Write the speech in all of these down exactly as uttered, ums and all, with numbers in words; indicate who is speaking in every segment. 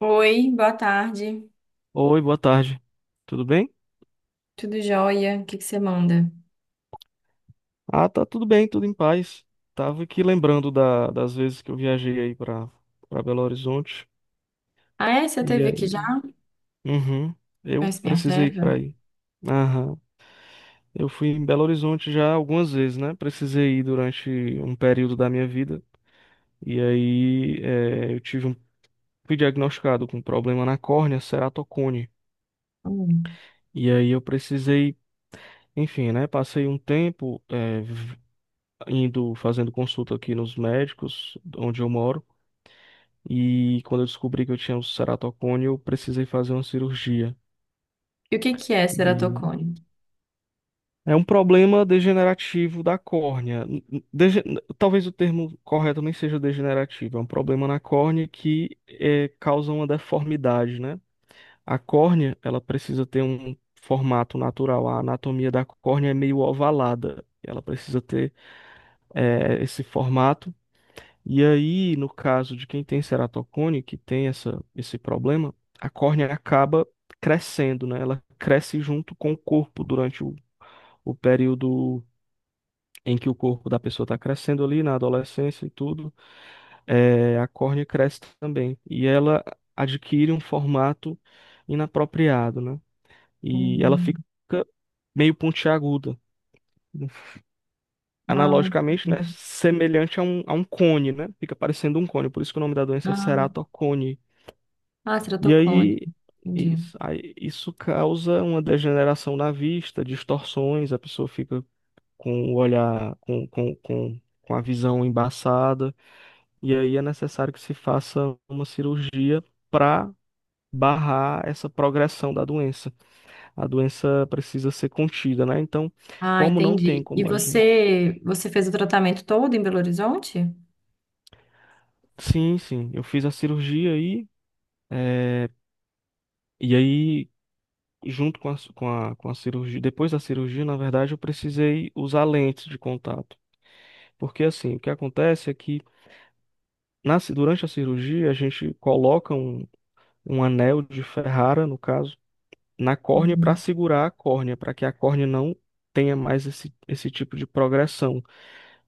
Speaker 1: Oi, boa tarde.
Speaker 2: Oi, boa tarde. Tudo bem?
Speaker 1: Tudo jóia? O que que você manda?
Speaker 2: Ah, tá tudo bem, tudo em paz. Tava aqui lembrando da- das vezes que eu viajei aí pra para Belo Horizonte.
Speaker 1: Ah, é? Você
Speaker 2: E
Speaker 1: teve aqui já?
Speaker 2: aí, uhum, eu
Speaker 1: Conhece minha
Speaker 2: precisei ir pra
Speaker 1: terra?
Speaker 2: aí. Aham. Eu fui em Belo Horizonte já algumas vezes, né? Precisei ir durante um período da minha vida. E aí, eh, eu tive um, fui diagnosticado com um problema na córnea, ceratocone.
Speaker 1: Hum.
Speaker 2: E aí eu precisei, enfim, né? Passei um tempo, eh, indo fazendo consulta aqui nos médicos onde eu moro e quando eu descobri que eu tinha um ceratocone, eu precisei fazer uma cirurgia.
Speaker 1: E o que que é
Speaker 2: E
Speaker 1: ceratocone?
Speaker 2: é um problema degenerativo da córnea. N- n- dege- n- Talvez o termo correto nem seja degenerativo, é um problema na córnea que eh, causa uma deformidade, né? A córnea, ela precisa ter um formato natural. A anatomia da córnea é meio ovalada. Ela precisa ter eh, esse formato. E aí, no caso de quem tem ceratocone, que tem essa, esse problema, a córnea acaba crescendo, né? Ela cresce junto com o corpo durante o, o período em que o corpo da pessoa está crescendo ali, na adolescência e tudo. É, a córnea cresce também. E ela adquire um formato inapropriado, né? E ela fica
Speaker 1: Hum.
Speaker 2: meio pontiaguda.
Speaker 1: Ah,
Speaker 2: Analogicamente, né? Semelhante a um, a um cone, né? Fica parecendo um cone. Por isso que o nome da doença é
Speaker 1: ah,
Speaker 2: ceratocone.
Speaker 1: ah,
Speaker 2: E
Speaker 1: ceratocone.
Speaker 2: aí
Speaker 1: Entendi.
Speaker 2: isso, aí isso causa uma degeneração na vista, distorções, a pessoa fica com o olhar, com, com, com, com a visão embaçada, e aí é necessário que se faça uma cirurgia para barrar essa progressão da doença. A doença precisa ser contida, né? Então,
Speaker 1: Ah,
Speaker 2: como não tem
Speaker 1: entendi. E
Speaker 2: como a gente.
Speaker 1: você, você fez o tratamento todo em Belo Horizonte?
Speaker 2: Sim, sim, eu fiz a cirurgia aí. É, e aí junto com a, ci- com a, com a cirurgia, depois da cirurgia, na verdade, eu precisei usar lentes de contato. Porque assim, o que acontece é que na, ci- durante a cirurgia, a gente coloca um, um anel de Ferrara, no caso, na córnea para
Speaker 1: Uhum.
Speaker 2: segurar a córnea, para que a córnea não tenha mais esse, esse tipo de progressão,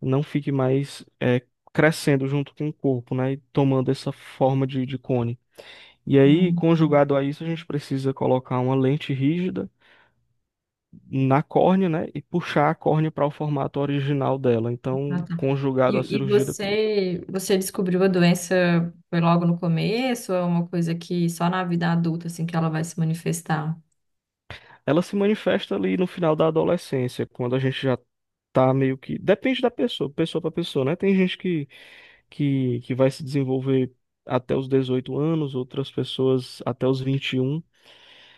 Speaker 2: não fique mais eh, crescendo junto com o corpo, né, e tomando essa forma de, de cone. E aí,
Speaker 1: Não.
Speaker 2: conjugado a isso, a gente precisa colocar uma lente rígida na córnea, né? E puxar a córnea para o formato original dela.
Speaker 1: Ah,
Speaker 2: Então,
Speaker 1: tá.
Speaker 2: conjugado à
Speaker 1: E, e
Speaker 2: cirurgia depois.
Speaker 1: você, você descobriu a doença foi logo no começo ou é uma coisa que só na vida adulta assim que ela vai se manifestar?
Speaker 2: Ela se manifesta ali no final da adolescência, quando a gente já tá meio que. Depende da pessoa, pessoa para pessoa, né? Tem gente que, que, que vai se desenvolver até os dezoito anos, outras pessoas até os vinte e um.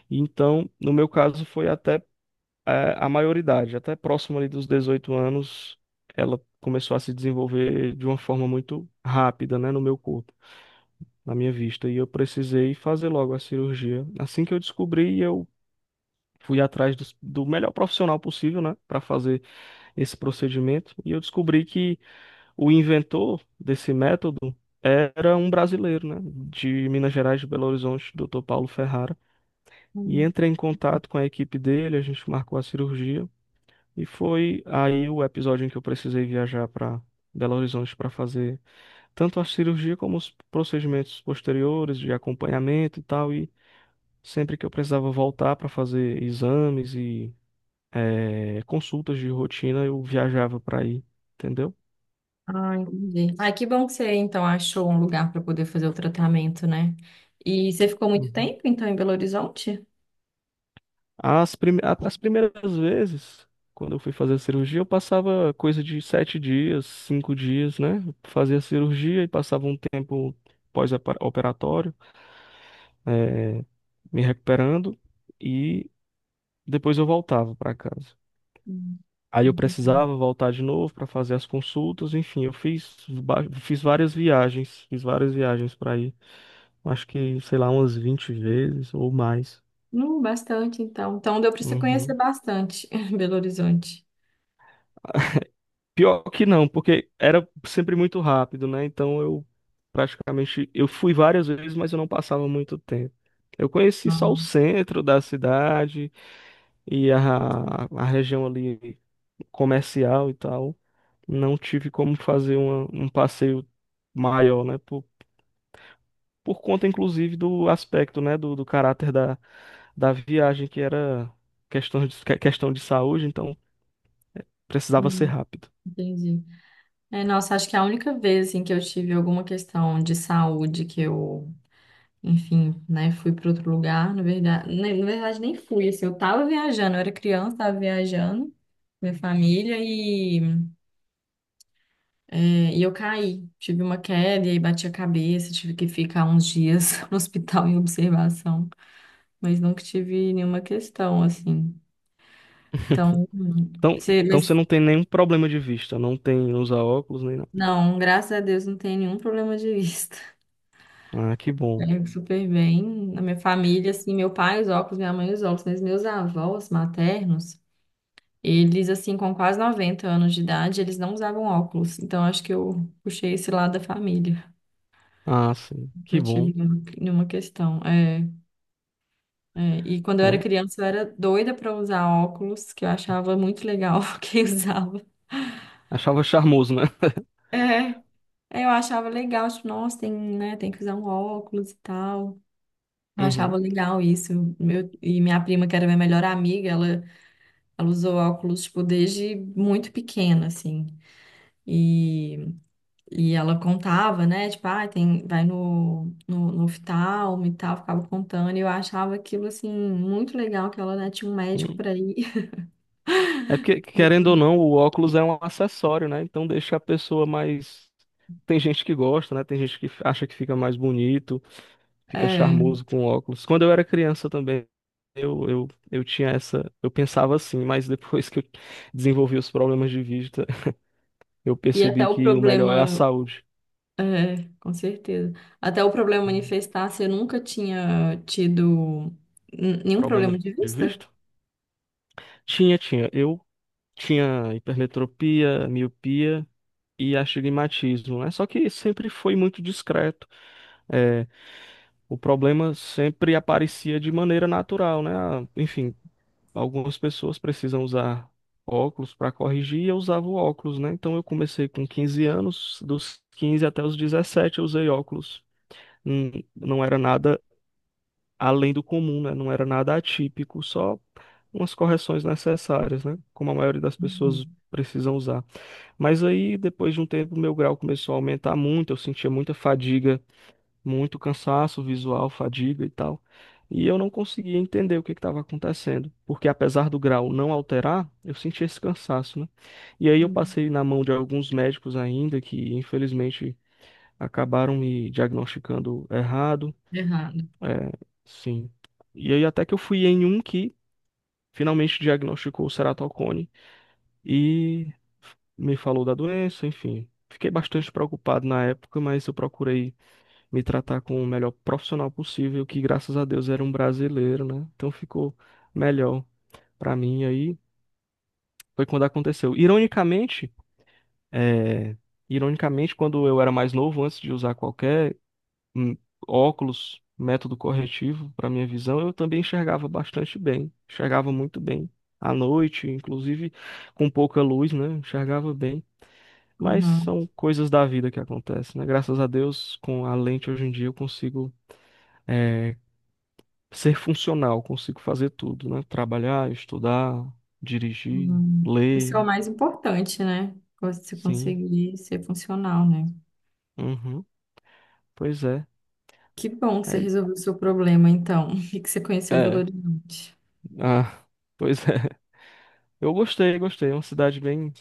Speaker 2: Então, no meu caso, foi até eh, a maioridade, até próximo ali dos dezoito anos, ela começou a se desenvolver de uma forma muito rápida, né, no meu corpo. Na minha vista e eu precisei fazer logo a cirurgia. Assim que eu descobri, eu fui atrás dos- do, melhor profissional possível, né, para fazer esse procedimento e eu descobri que o inventor desse método era um brasileiro, né, de Minas Gerais, de Belo Horizonte, doutor Paulo Ferrara, e entrei em contato com a equipe dele, a gente marcou a cirurgia e foi aí o episódio em que eu precisei viajar para Belo Horizonte para fazer tanto a cirurgia como os procedimentos posteriores de acompanhamento e tal. E sempre que eu precisava voltar para fazer exames e eh, consultas de rotina, eu viajava para ir, entendeu?
Speaker 1: Ah, entendi. Ah, que bom que você então achou um lugar para poder fazer o tratamento, né? E você ficou muito
Speaker 2: Uhum.
Speaker 1: tempo então em Belo Horizonte?
Speaker 2: As, prime- a- as primeiras vezes, quando eu fui fazer a cirurgia, eu passava coisa de sete dias, cinco dias, né? Eu fazia a cirurgia e passava um tempo pós-operatório, eh, me recuperando e depois eu voltava para casa.
Speaker 1: Hum,
Speaker 2: Aí eu
Speaker 1: muito.
Speaker 2: precisava voltar de novo para fazer as consultas, enfim, eu fiz, ba- fiz várias viagens, fiz várias viagens para ir. Acho que, sei lá, umas vinte vezes ou mais.
Speaker 1: Hum, bastante então. Então deu para você conhecer
Speaker 2: Uhum.
Speaker 1: bastante Belo Horizonte.
Speaker 2: Pior que não, porque era sempre muito rápido, né? Então eu praticamente eu fui várias vezes, mas eu não passava muito tempo. Eu conheci só o
Speaker 1: Ah,
Speaker 2: centro da cidade e a, a região ali comercial e tal. Não tive como fazer uma- um passeio maior, né? Por conta, inclusive, do aspecto, né, do, do caráter da, da viagem, que era questão de, que- questão de saúde, então precisava ser
Speaker 1: hum,
Speaker 2: rápido.
Speaker 1: entendi. É, nossa, acho que é a única vez assim que eu tive alguma questão de saúde que eu, enfim, né, fui para outro lugar, na verdade, na na verdade nem fui, assim. Eu tava viajando, eu era criança, tava viajando, minha família. É, e eu caí, tive uma queda e aí bati a cabeça, tive que ficar uns dias no hospital em observação, mas nunca tive nenhuma questão assim. Então, hum,
Speaker 2: Então,
Speaker 1: você,
Speaker 2: então você
Speaker 1: mas
Speaker 2: não tem nenhum problema de vista, não tem usar óculos nem nada.
Speaker 1: não, graças a Deus não tem nenhum problema de vista.
Speaker 2: Ah, que bom.
Speaker 1: É super bem. Na minha família, assim, meu pai os óculos, minha mãe os óculos, mas meus avós maternos, eles assim com quase noventa anos de idade, eles não usavam óculos. Então acho que eu puxei esse lado da família.
Speaker 2: Ah, sim, que
Speaker 1: Nunca
Speaker 2: bom.
Speaker 1: tive nenhuma nenhuma questão. É, é, e quando eu era
Speaker 2: É,
Speaker 1: criança, eu era doida pra usar óculos, que eu achava muito legal quem usava.
Speaker 2: achava charmoso, né?
Speaker 1: É, é, eu achava legal, tipo, nossa, tem, né, tem que usar um óculos e tal. Eu achava
Speaker 2: Uhum.
Speaker 1: legal isso. Meu, e minha prima, que era minha melhor amiga, ela, ela usou óculos, tipo, desde muito pequena, assim. E, e ela contava, né? Tipo, ah, tem, vai no, no, no oftalmo e tal, ficava contando. E eu achava aquilo, assim, muito legal, que ela, né, tinha um médico
Speaker 2: Uhum.
Speaker 1: pra ir.
Speaker 2: É porque, querendo ou não, o óculos é um acessório, né? Então deixa a pessoa mais. Tem gente que gosta, né? Tem gente que acha que fica mais bonito, fica charmoso com óculos. Quando eu era criança também, eu, eu, eu tinha essa. Eu pensava assim, mas depois que eu desenvolvi os problemas de vista, eu
Speaker 1: E
Speaker 2: percebi
Speaker 1: até o
Speaker 2: que o melhor é a
Speaker 1: problema,
Speaker 2: saúde.
Speaker 1: é, com certeza. Até o problema
Speaker 2: Hum,
Speaker 1: manifestar, você nunca tinha tido n- nenhum
Speaker 2: Problema
Speaker 1: problema
Speaker 2: de
Speaker 1: de
Speaker 2: de
Speaker 1: vista?
Speaker 2: vista? Tinha, tinha. Eu tinha hipermetropia, miopia e astigmatismo, né? Só que sempre foi muito discreto. É, o problema sempre aparecia de maneira natural, né? Ah, enfim, algumas pessoas precisam usar óculos para corrigir e eu usava o óculos, né? Então eu comecei com 15 anos, dos quinze até os dezessete eu usei óculos. Hum, Não era nada além do comum, né? Não era nada atípico, só umas correções necessárias, né? Como a maioria das
Speaker 1: Uhum.
Speaker 2: pessoas precisam usar. Mas aí, depois de um tempo, meu grau começou a aumentar muito, eu sentia muita fadiga, muito cansaço visual, fadiga e tal. E eu não conseguia entender o que estava acontecendo, porque apesar do grau não alterar, eu sentia esse cansaço, né? E aí eu
Speaker 1: Uhum.
Speaker 2: passei na mão de alguns médicos ainda que, infelizmente, acabaram me diagnosticando errado.
Speaker 1: Errado.
Speaker 2: É, sim. E aí até que eu fui em um que finalmente diagnosticou o ceratocone e me falou da doença, enfim. Fiquei bastante preocupado na época, mas eu procurei me tratar com o melhor profissional possível, que graças a Deus era um brasileiro, né? Então ficou melhor pra mim aí. Foi quando aconteceu. Ironicamente, é, ironicamente, quando eu era mais novo, antes de usar qualquer hum, óculos, método corretivo para minha visão, eu também enxergava bastante bem. Enxergava muito bem à noite, inclusive com pouca luz, né? Enxergava bem. Mas
Speaker 1: Uhum.
Speaker 2: são coisas da vida que acontecem, né? Graças a Deus, com a lente hoje em dia eu consigo eh, ser funcional, consigo fazer tudo, né? Trabalhar, estudar, dirigir,
Speaker 1: Uhum. Isso é o
Speaker 2: ler,
Speaker 1: mais importante, né? Você
Speaker 2: sim.
Speaker 1: conseguir ser funcional, né?
Speaker 2: Uhum. Pois é.
Speaker 1: Que bom que você
Speaker 2: É,
Speaker 1: resolveu o seu problema, então, e que você conheceu Belo
Speaker 2: é.
Speaker 1: Horizonte.
Speaker 2: Ah, pois é. Eu gostei, gostei. É uma cidade bem.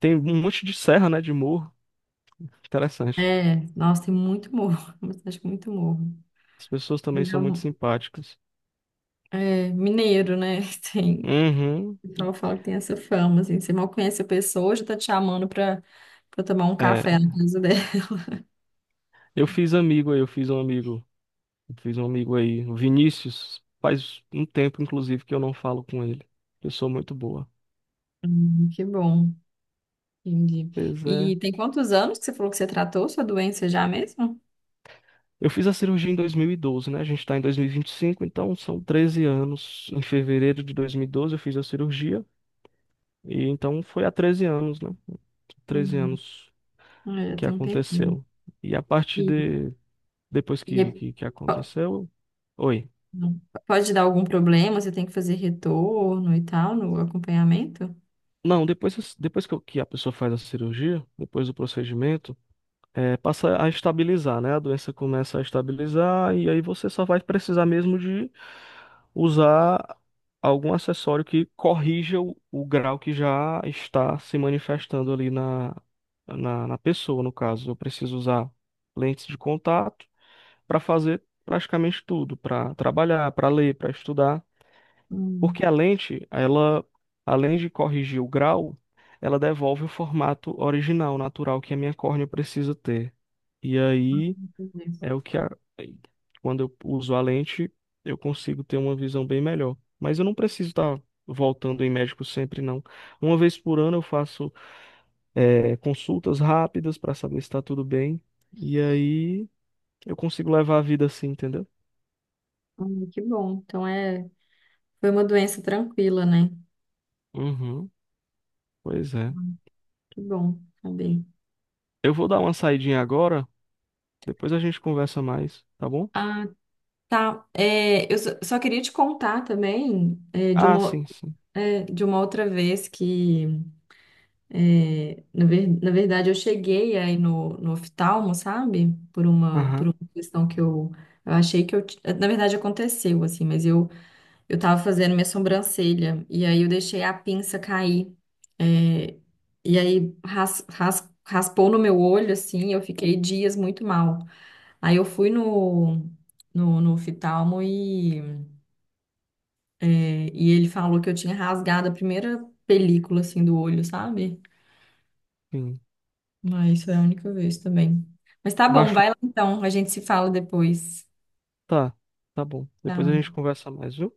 Speaker 2: Tem um monte de serra, né? De morro. Interessante.
Speaker 1: É, nossa, tem muito morro, mas acho que muito morro.
Speaker 2: As pessoas também
Speaker 1: Mas é
Speaker 2: são
Speaker 1: um
Speaker 2: muito simpáticas.
Speaker 1: é, mineiro, né? Tem.
Speaker 2: Uhum.
Speaker 1: O pessoal fala que tem essa fama, assim. Você mal conhece a pessoa, já tá te chamando pra, pra tomar um café na
Speaker 2: É.
Speaker 1: casa dela.
Speaker 2: Eu fiz amigo aí, eu fiz um amigo. Eu fiz um amigo aí, o Vinícius. Faz um tempo, inclusive, que eu não falo com ele. Pessoa muito boa.
Speaker 1: Hum, que bom, entendi.
Speaker 2: Pois é.
Speaker 1: E tem quantos anos que você falou que você tratou sua doença já mesmo?
Speaker 2: Eu fiz a cirurgia em dois mil e doze, né? A gente está em dois mil e vinte e cinco, então são treze anos. Em fevereiro de dois mil e doze eu fiz a cirurgia, e então foi há treze anos, né? Treze
Speaker 1: Hum,
Speaker 2: anos
Speaker 1: é, já
Speaker 2: que
Speaker 1: tem um tempinho.
Speaker 2: aconteceu. E a partir
Speaker 1: E,
Speaker 2: de depois
Speaker 1: e
Speaker 2: que,
Speaker 1: é-
Speaker 2: que, que
Speaker 1: po-
Speaker 2: aconteceu. Oi.
Speaker 1: não, pode dar algum problema? Você tem que fazer retorno e tal no acompanhamento?
Speaker 2: Não, depois, depois que, eu- que a pessoa faz a cirurgia, depois do procedimento. É, passa a estabilizar, né? A doença começa a estabilizar e aí você só vai precisar mesmo de usar algum acessório que corrija o, o grau que já está se manifestando ali na, na, na pessoa, no caso. Eu preciso usar lentes de contato para fazer praticamente tudo, para trabalhar, para ler, para estudar, porque
Speaker 1: Hum,
Speaker 2: a lente, ela, além de corrigir o grau, ela devolve o formato original, natural que a minha córnea precisa ter. E aí
Speaker 1: entendi.
Speaker 2: é o que a- quando eu uso a lente, eu consigo ter uma visão bem melhor. Mas eu não preciso estar voltando em médico sempre, não. Uma vez por ano eu faço é, consultas rápidas para saber se está tudo bem. E aí eu consigo levar a vida assim, entendeu?
Speaker 1: Hum, que bom. Então é, foi uma doença tranquila, né?
Speaker 2: Uhum, pois é.
Speaker 1: Que bom saber.
Speaker 2: Eu vou dar uma saidinha agora, depois a gente conversa mais, tá bom?
Speaker 1: Ah, tá, é, eu só só queria te contar também é, de
Speaker 2: Ah,
Speaker 1: uma,
Speaker 2: sim, sim.
Speaker 1: é, de uma outra vez que, é, na, ver- na verdade, eu cheguei aí no, no oftalmo, sabe? Por uma, por
Speaker 2: Aham,
Speaker 1: uma questão que eu, eu achei que eu... ti- Na verdade, aconteceu, assim, mas eu, eu tava fazendo minha sobrancelha e aí eu deixei a pinça cair. É, e aí ras, ras- raspou no meu olho, assim, eu fiquei dias muito mal. Aí eu fui no, no, no oftalmo e... É, e ele falou que eu tinha rasgado a primeira película assim do olho, sabe?
Speaker 2: sim.
Speaker 1: Mas foi a única vez também. Mas tá bom, vai lá
Speaker 2: Machucou.
Speaker 1: então, a gente se fala depois.
Speaker 2: Tá, tá bom. Depois a gente
Speaker 1: Tchau.
Speaker 2: conversa mais, viu?